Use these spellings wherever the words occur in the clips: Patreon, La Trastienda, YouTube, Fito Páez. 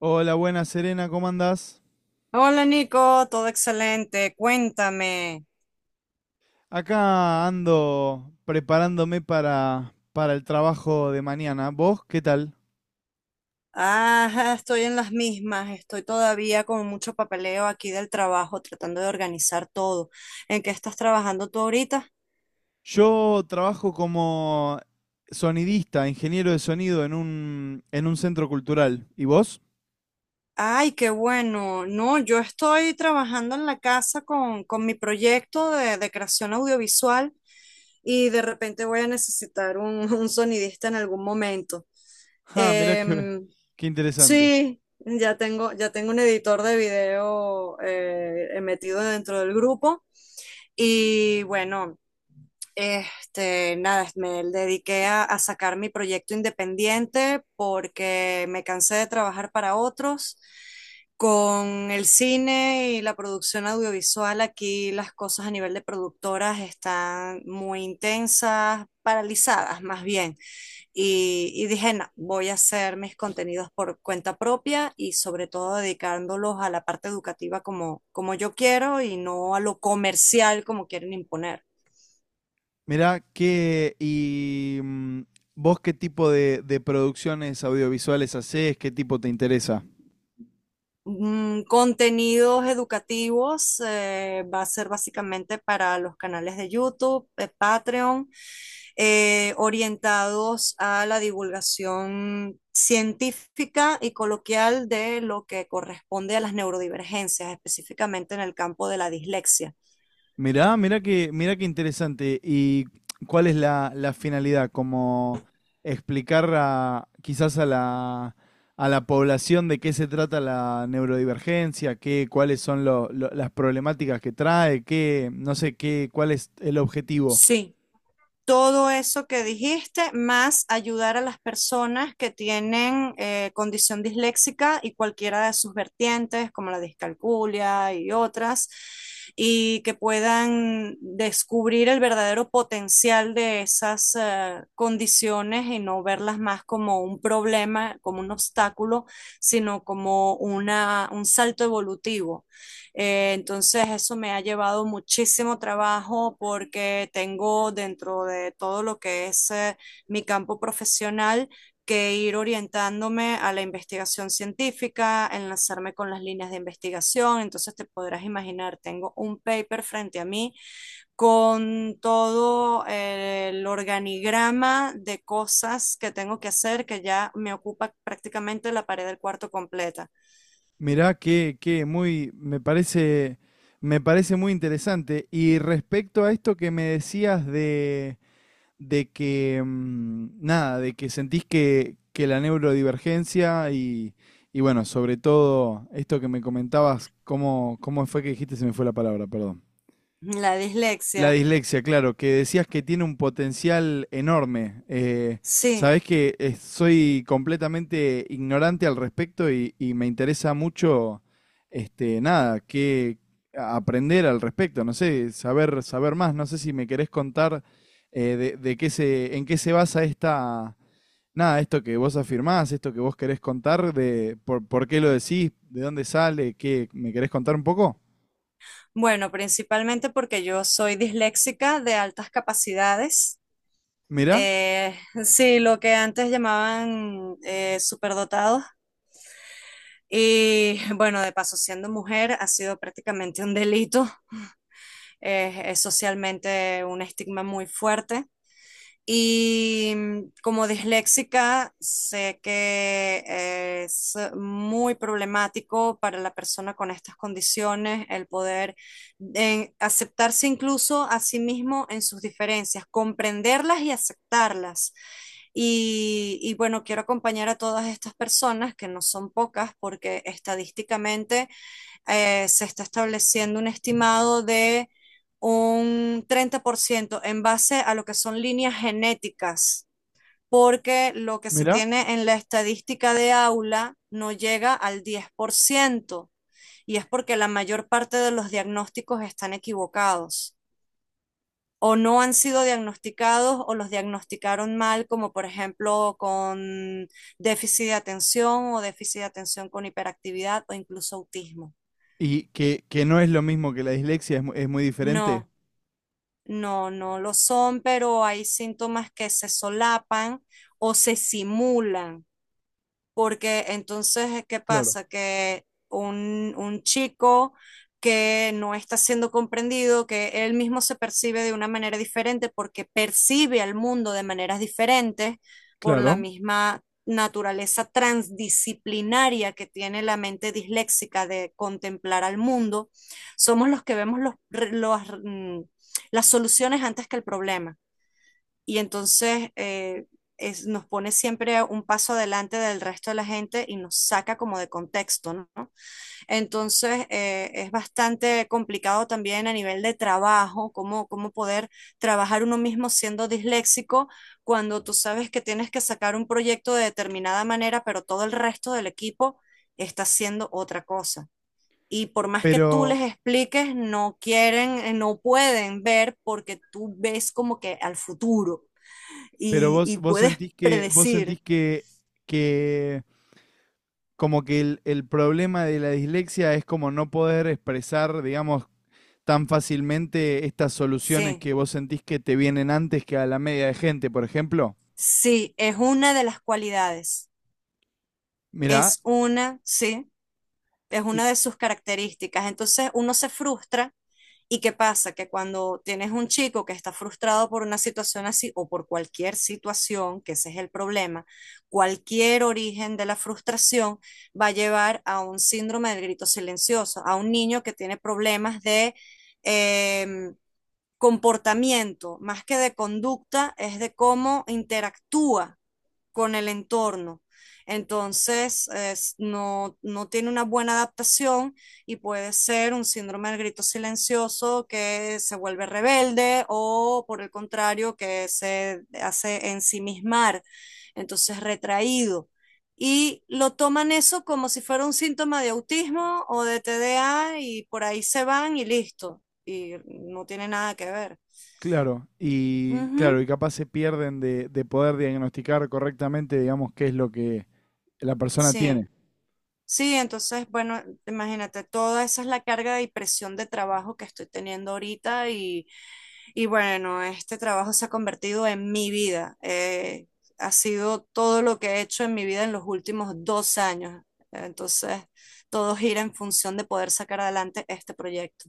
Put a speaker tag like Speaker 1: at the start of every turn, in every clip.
Speaker 1: Hola, buenas Serena, ¿cómo andás?
Speaker 2: Hola Nico, todo excelente. Cuéntame.
Speaker 1: Acá ando preparándome para el trabajo de mañana. ¿Vos qué tal?
Speaker 2: Ajá, estoy en las mismas. Estoy todavía con mucho papeleo aquí del trabajo, tratando de organizar todo. ¿En qué estás trabajando tú ahorita?
Speaker 1: Yo trabajo como sonidista, ingeniero de sonido en un centro cultural. ¿Y vos?
Speaker 2: Ay, qué bueno. No, yo estoy trabajando en la casa con mi proyecto de creación audiovisual y de repente voy a necesitar un, un sonidista en algún momento.
Speaker 1: Ah, mirá qué,
Speaker 2: Em,
Speaker 1: qué interesante.
Speaker 2: Sí, ya tengo un editor de video metido dentro del grupo. Y bueno, nada, me dediqué a sacar mi proyecto independiente porque me cansé de trabajar para otros. Con el cine y la producción audiovisual, aquí las cosas a nivel de productoras están muy intensas, paralizadas más bien. Y dije, no, voy a hacer mis contenidos por cuenta propia y sobre todo dedicándolos a la parte educativa como yo quiero y no a lo comercial como quieren imponer.
Speaker 1: Mirá qué... ¿Y vos qué tipo de producciones audiovisuales hacés? ¿Qué tipo te interesa?
Speaker 2: Contenidos educativos va a ser básicamente para los canales de YouTube, Patreon, orientados a la divulgación científica y coloquial de lo que corresponde a las neurodivergencias, específicamente en el campo de la dislexia.
Speaker 1: Mirá qué interesante. ¿Y cuál es la finalidad? Como explicar a, quizás a la población de qué se trata la neurodivergencia, qué, cuáles son las problemáticas que trae, qué, no sé, qué, cuál es el objetivo.
Speaker 2: Sí, todo eso que dijiste, más ayudar a las personas que tienen condición disléxica y cualquiera de sus vertientes, como la discalculia y otras, y que puedan descubrir el verdadero potencial de esas condiciones y no verlas más como un problema, como un obstáculo, sino como un salto evolutivo entonces eso me ha llevado muchísimo trabajo porque tengo dentro de todo lo que es mi campo profesional que ir orientándome a la investigación científica, enlazarme con las líneas de investigación. Entonces te podrás imaginar, tengo un paper frente a mí con todo el organigrama de cosas que tengo que hacer que ya me ocupa prácticamente la pared del cuarto completa.
Speaker 1: Mirá que muy, me parece muy interesante. Y respecto a esto que me decías de que nada, de que sentís que la neurodivergencia y bueno, sobre todo esto que me comentabas, cómo fue que dijiste, se me fue la palabra, perdón.
Speaker 2: La
Speaker 1: La
Speaker 2: dislexia,
Speaker 1: dislexia, claro, que decías que tiene un potencial enorme.
Speaker 2: sí.
Speaker 1: Sabés que soy completamente ignorante al respecto y me interesa mucho, este, nada, que aprender al respecto, no sé, saber más. No sé si me querés contar de qué se, en qué se basa esta, nada, esto que vos afirmás, esto que vos querés contar, por qué lo decís, de dónde sale, qué, ¿me querés contar un poco?
Speaker 2: Bueno, principalmente porque yo soy disléxica de altas capacidades.
Speaker 1: Mirá,
Speaker 2: Eh, sí, lo que antes llamaban superdotados. Y bueno, de paso, siendo mujer ha sido prácticamente un delito. Es socialmente un estigma muy fuerte. Y como disléxica, sé que es muy problemático para la persona con estas condiciones el poder aceptarse incluso a sí mismo en sus diferencias, comprenderlas y aceptarlas. Y bueno, quiero acompañar a todas estas personas, que no son pocas, porque estadísticamente se está estableciendo un estimado de un 30% en base a lo que son líneas genéticas, porque lo que se
Speaker 1: mirá.
Speaker 2: tiene en la estadística de aula no llega al 10% y es porque la mayor parte de los diagnósticos están equivocados o no han sido diagnosticados o los diagnosticaron mal, como por ejemplo con déficit de atención o déficit de atención con hiperactividad o incluso autismo.
Speaker 1: Y que no es lo mismo que la dislexia, es, es muy diferente.
Speaker 2: No, no, no lo son, pero hay síntomas que se solapan o se simulan porque entonces, ¿qué
Speaker 1: Claro.
Speaker 2: pasa? Que un chico que no está siendo comprendido, que él mismo se percibe de una manera diferente porque percibe al mundo de maneras diferentes por la
Speaker 1: Claro.
Speaker 2: misma naturaleza transdisciplinaria que tiene la mente disléxica de contemplar al mundo, somos los que los, mm, las soluciones antes que el problema y entonces nos pone siempre un paso adelante del resto de la gente y nos saca como de contexto, ¿no? Entonces es bastante complicado también a nivel de trabajo, cómo poder trabajar uno mismo siendo disléxico cuando tú sabes que tienes que sacar un proyecto de determinada manera, pero todo el resto del equipo está haciendo otra cosa. Y por más que tú
Speaker 1: Pero,
Speaker 2: les expliques, no quieren, no pueden ver porque tú ves como que al futuro
Speaker 1: pero
Speaker 2: y,
Speaker 1: vos,
Speaker 2: y puedes
Speaker 1: vos
Speaker 2: predecir,
Speaker 1: sentís que como que el problema de la dislexia es como no poder expresar, digamos, tan fácilmente estas soluciones
Speaker 2: sí,
Speaker 1: que vos sentís que te vienen antes que a la media de gente, por ejemplo.
Speaker 2: sí, es una de las cualidades,
Speaker 1: Mirá,
Speaker 2: es una, sí, es
Speaker 1: y
Speaker 2: una de sus características. Entonces uno se frustra. ¿Y qué pasa? Que cuando tienes un chico que está frustrado por una situación así o por cualquier situación, que ese es el problema, cualquier origen de la frustración va a llevar a un síndrome del grito silencioso, a un niño que tiene problemas de eh, comportamiento, más que de conducta, es de cómo interactúa con el entorno. Entonces, no, no tiene una buena adaptación y puede ser un síndrome del grito silencioso que se vuelve rebelde o, por el contrario, que se hace ensimismar, entonces retraído. Y lo toman eso como si fuera un síntoma de autismo o de TDA y por ahí se van y listo. Y no tiene nada que ver.
Speaker 1: claro, y claro,
Speaker 2: Ujú,
Speaker 1: y capaz se pierden de poder diagnosticar correctamente, digamos, qué es lo que la persona
Speaker 2: sí.
Speaker 1: tiene.
Speaker 2: Sí, entonces, bueno, imagínate, toda esa es la carga y presión de trabajo que estoy teniendo ahorita y bueno, este trabajo se ha convertido en mi vida. Ha sido todo lo que he hecho en mi vida en los últimos 2 años. Entonces, todo gira en función de poder sacar adelante este proyecto.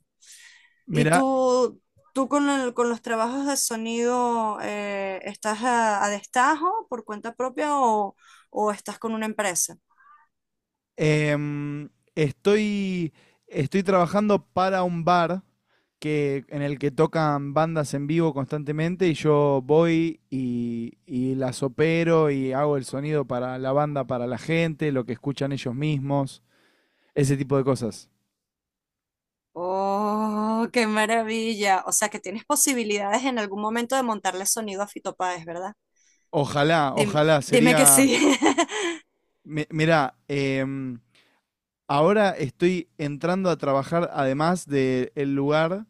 Speaker 2: ¿Y
Speaker 1: Mirá.
Speaker 2: tú con los trabajos de sonido, estás a destajo por cuenta propia o estás con una empresa?
Speaker 1: Em, estoy, Estoy trabajando para un bar que, en el que tocan bandas en vivo constantemente y yo voy y las opero y hago el sonido para la banda, para la gente, lo que escuchan ellos mismos, ese tipo de cosas.
Speaker 2: Oh, qué maravilla. O sea que tienes posibilidades en algún momento de montarle sonido a Fito Páez, ¿verdad?
Speaker 1: Ojalá, ojalá,
Speaker 2: Dime que
Speaker 1: sería...
Speaker 2: sí.
Speaker 1: Mirá, ahora estoy entrando a trabajar además del lugar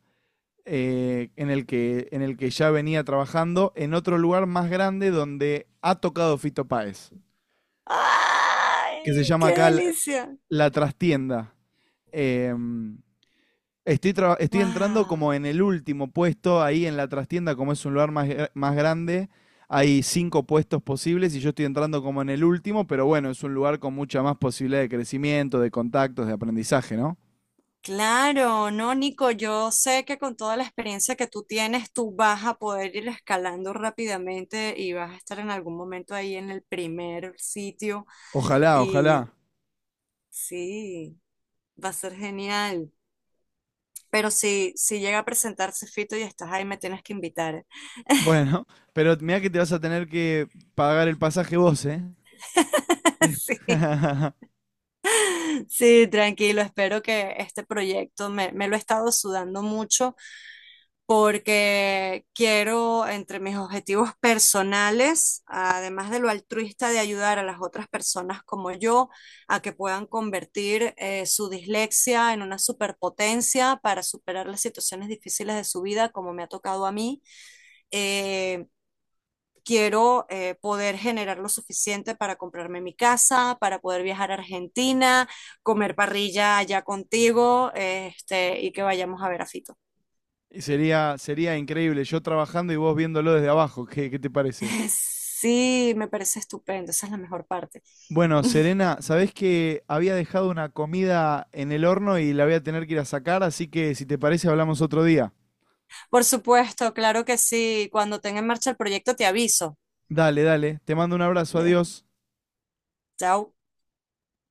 Speaker 1: en el que ya venía trabajando en otro lugar más grande donde ha tocado Fito Páez,
Speaker 2: ¡Ay,
Speaker 1: que se llama
Speaker 2: qué
Speaker 1: acá
Speaker 2: delicia!
Speaker 1: La Trastienda. Eh, estoy, Estoy entrando como
Speaker 2: ¡Wow!
Speaker 1: en el último puesto ahí en La Trastienda, como es un lugar más grande. Hay cinco puestos posibles y yo estoy entrando como en el último, pero bueno, es un lugar con mucha más posibilidad de crecimiento, de contactos, de aprendizaje, ¿no?
Speaker 2: Claro, no, Nico, yo sé que con toda la experiencia que tú tienes, tú vas a poder ir escalando rápidamente y vas a estar en algún momento ahí en el primer sitio
Speaker 1: Ojalá, ojalá.
Speaker 2: y sí, va a ser genial. Pero si llega a presentarse Fito y estás ahí, me tienes que invitar.
Speaker 1: Bueno, pero mira que te vas a tener que pagar el pasaje vos, ¿eh? Sí.
Speaker 2: Sí, sí, tranquilo. Espero que este proyecto me lo he estado sudando mucho porque quiero, entre mis objetivos personales, además de lo altruista de ayudar a las otras personas como yo, a que puedan convertir su dislexia en una superpotencia para superar las situaciones difíciles de su vida, como me ha tocado a mí. eh, quiero poder generar lo suficiente para comprarme mi casa, para poder viajar a Argentina, comer parrilla allá contigo, este, y que vayamos a ver a Fito.
Speaker 1: Sería, sería increíble, yo trabajando y vos viéndolo desde abajo, ¿qué, qué te parece?
Speaker 2: Sí, me parece estupendo, esa es la mejor parte.
Speaker 1: Bueno, Serena, sabés que había dejado una comida en el horno y la voy a tener que ir a sacar, así que si te parece hablamos otro día.
Speaker 2: Por supuesto, claro que sí, cuando tenga en marcha el proyecto te aviso.
Speaker 1: Dale, dale, te mando un abrazo,
Speaker 2: Eh,
Speaker 1: adiós.
Speaker 2: chao.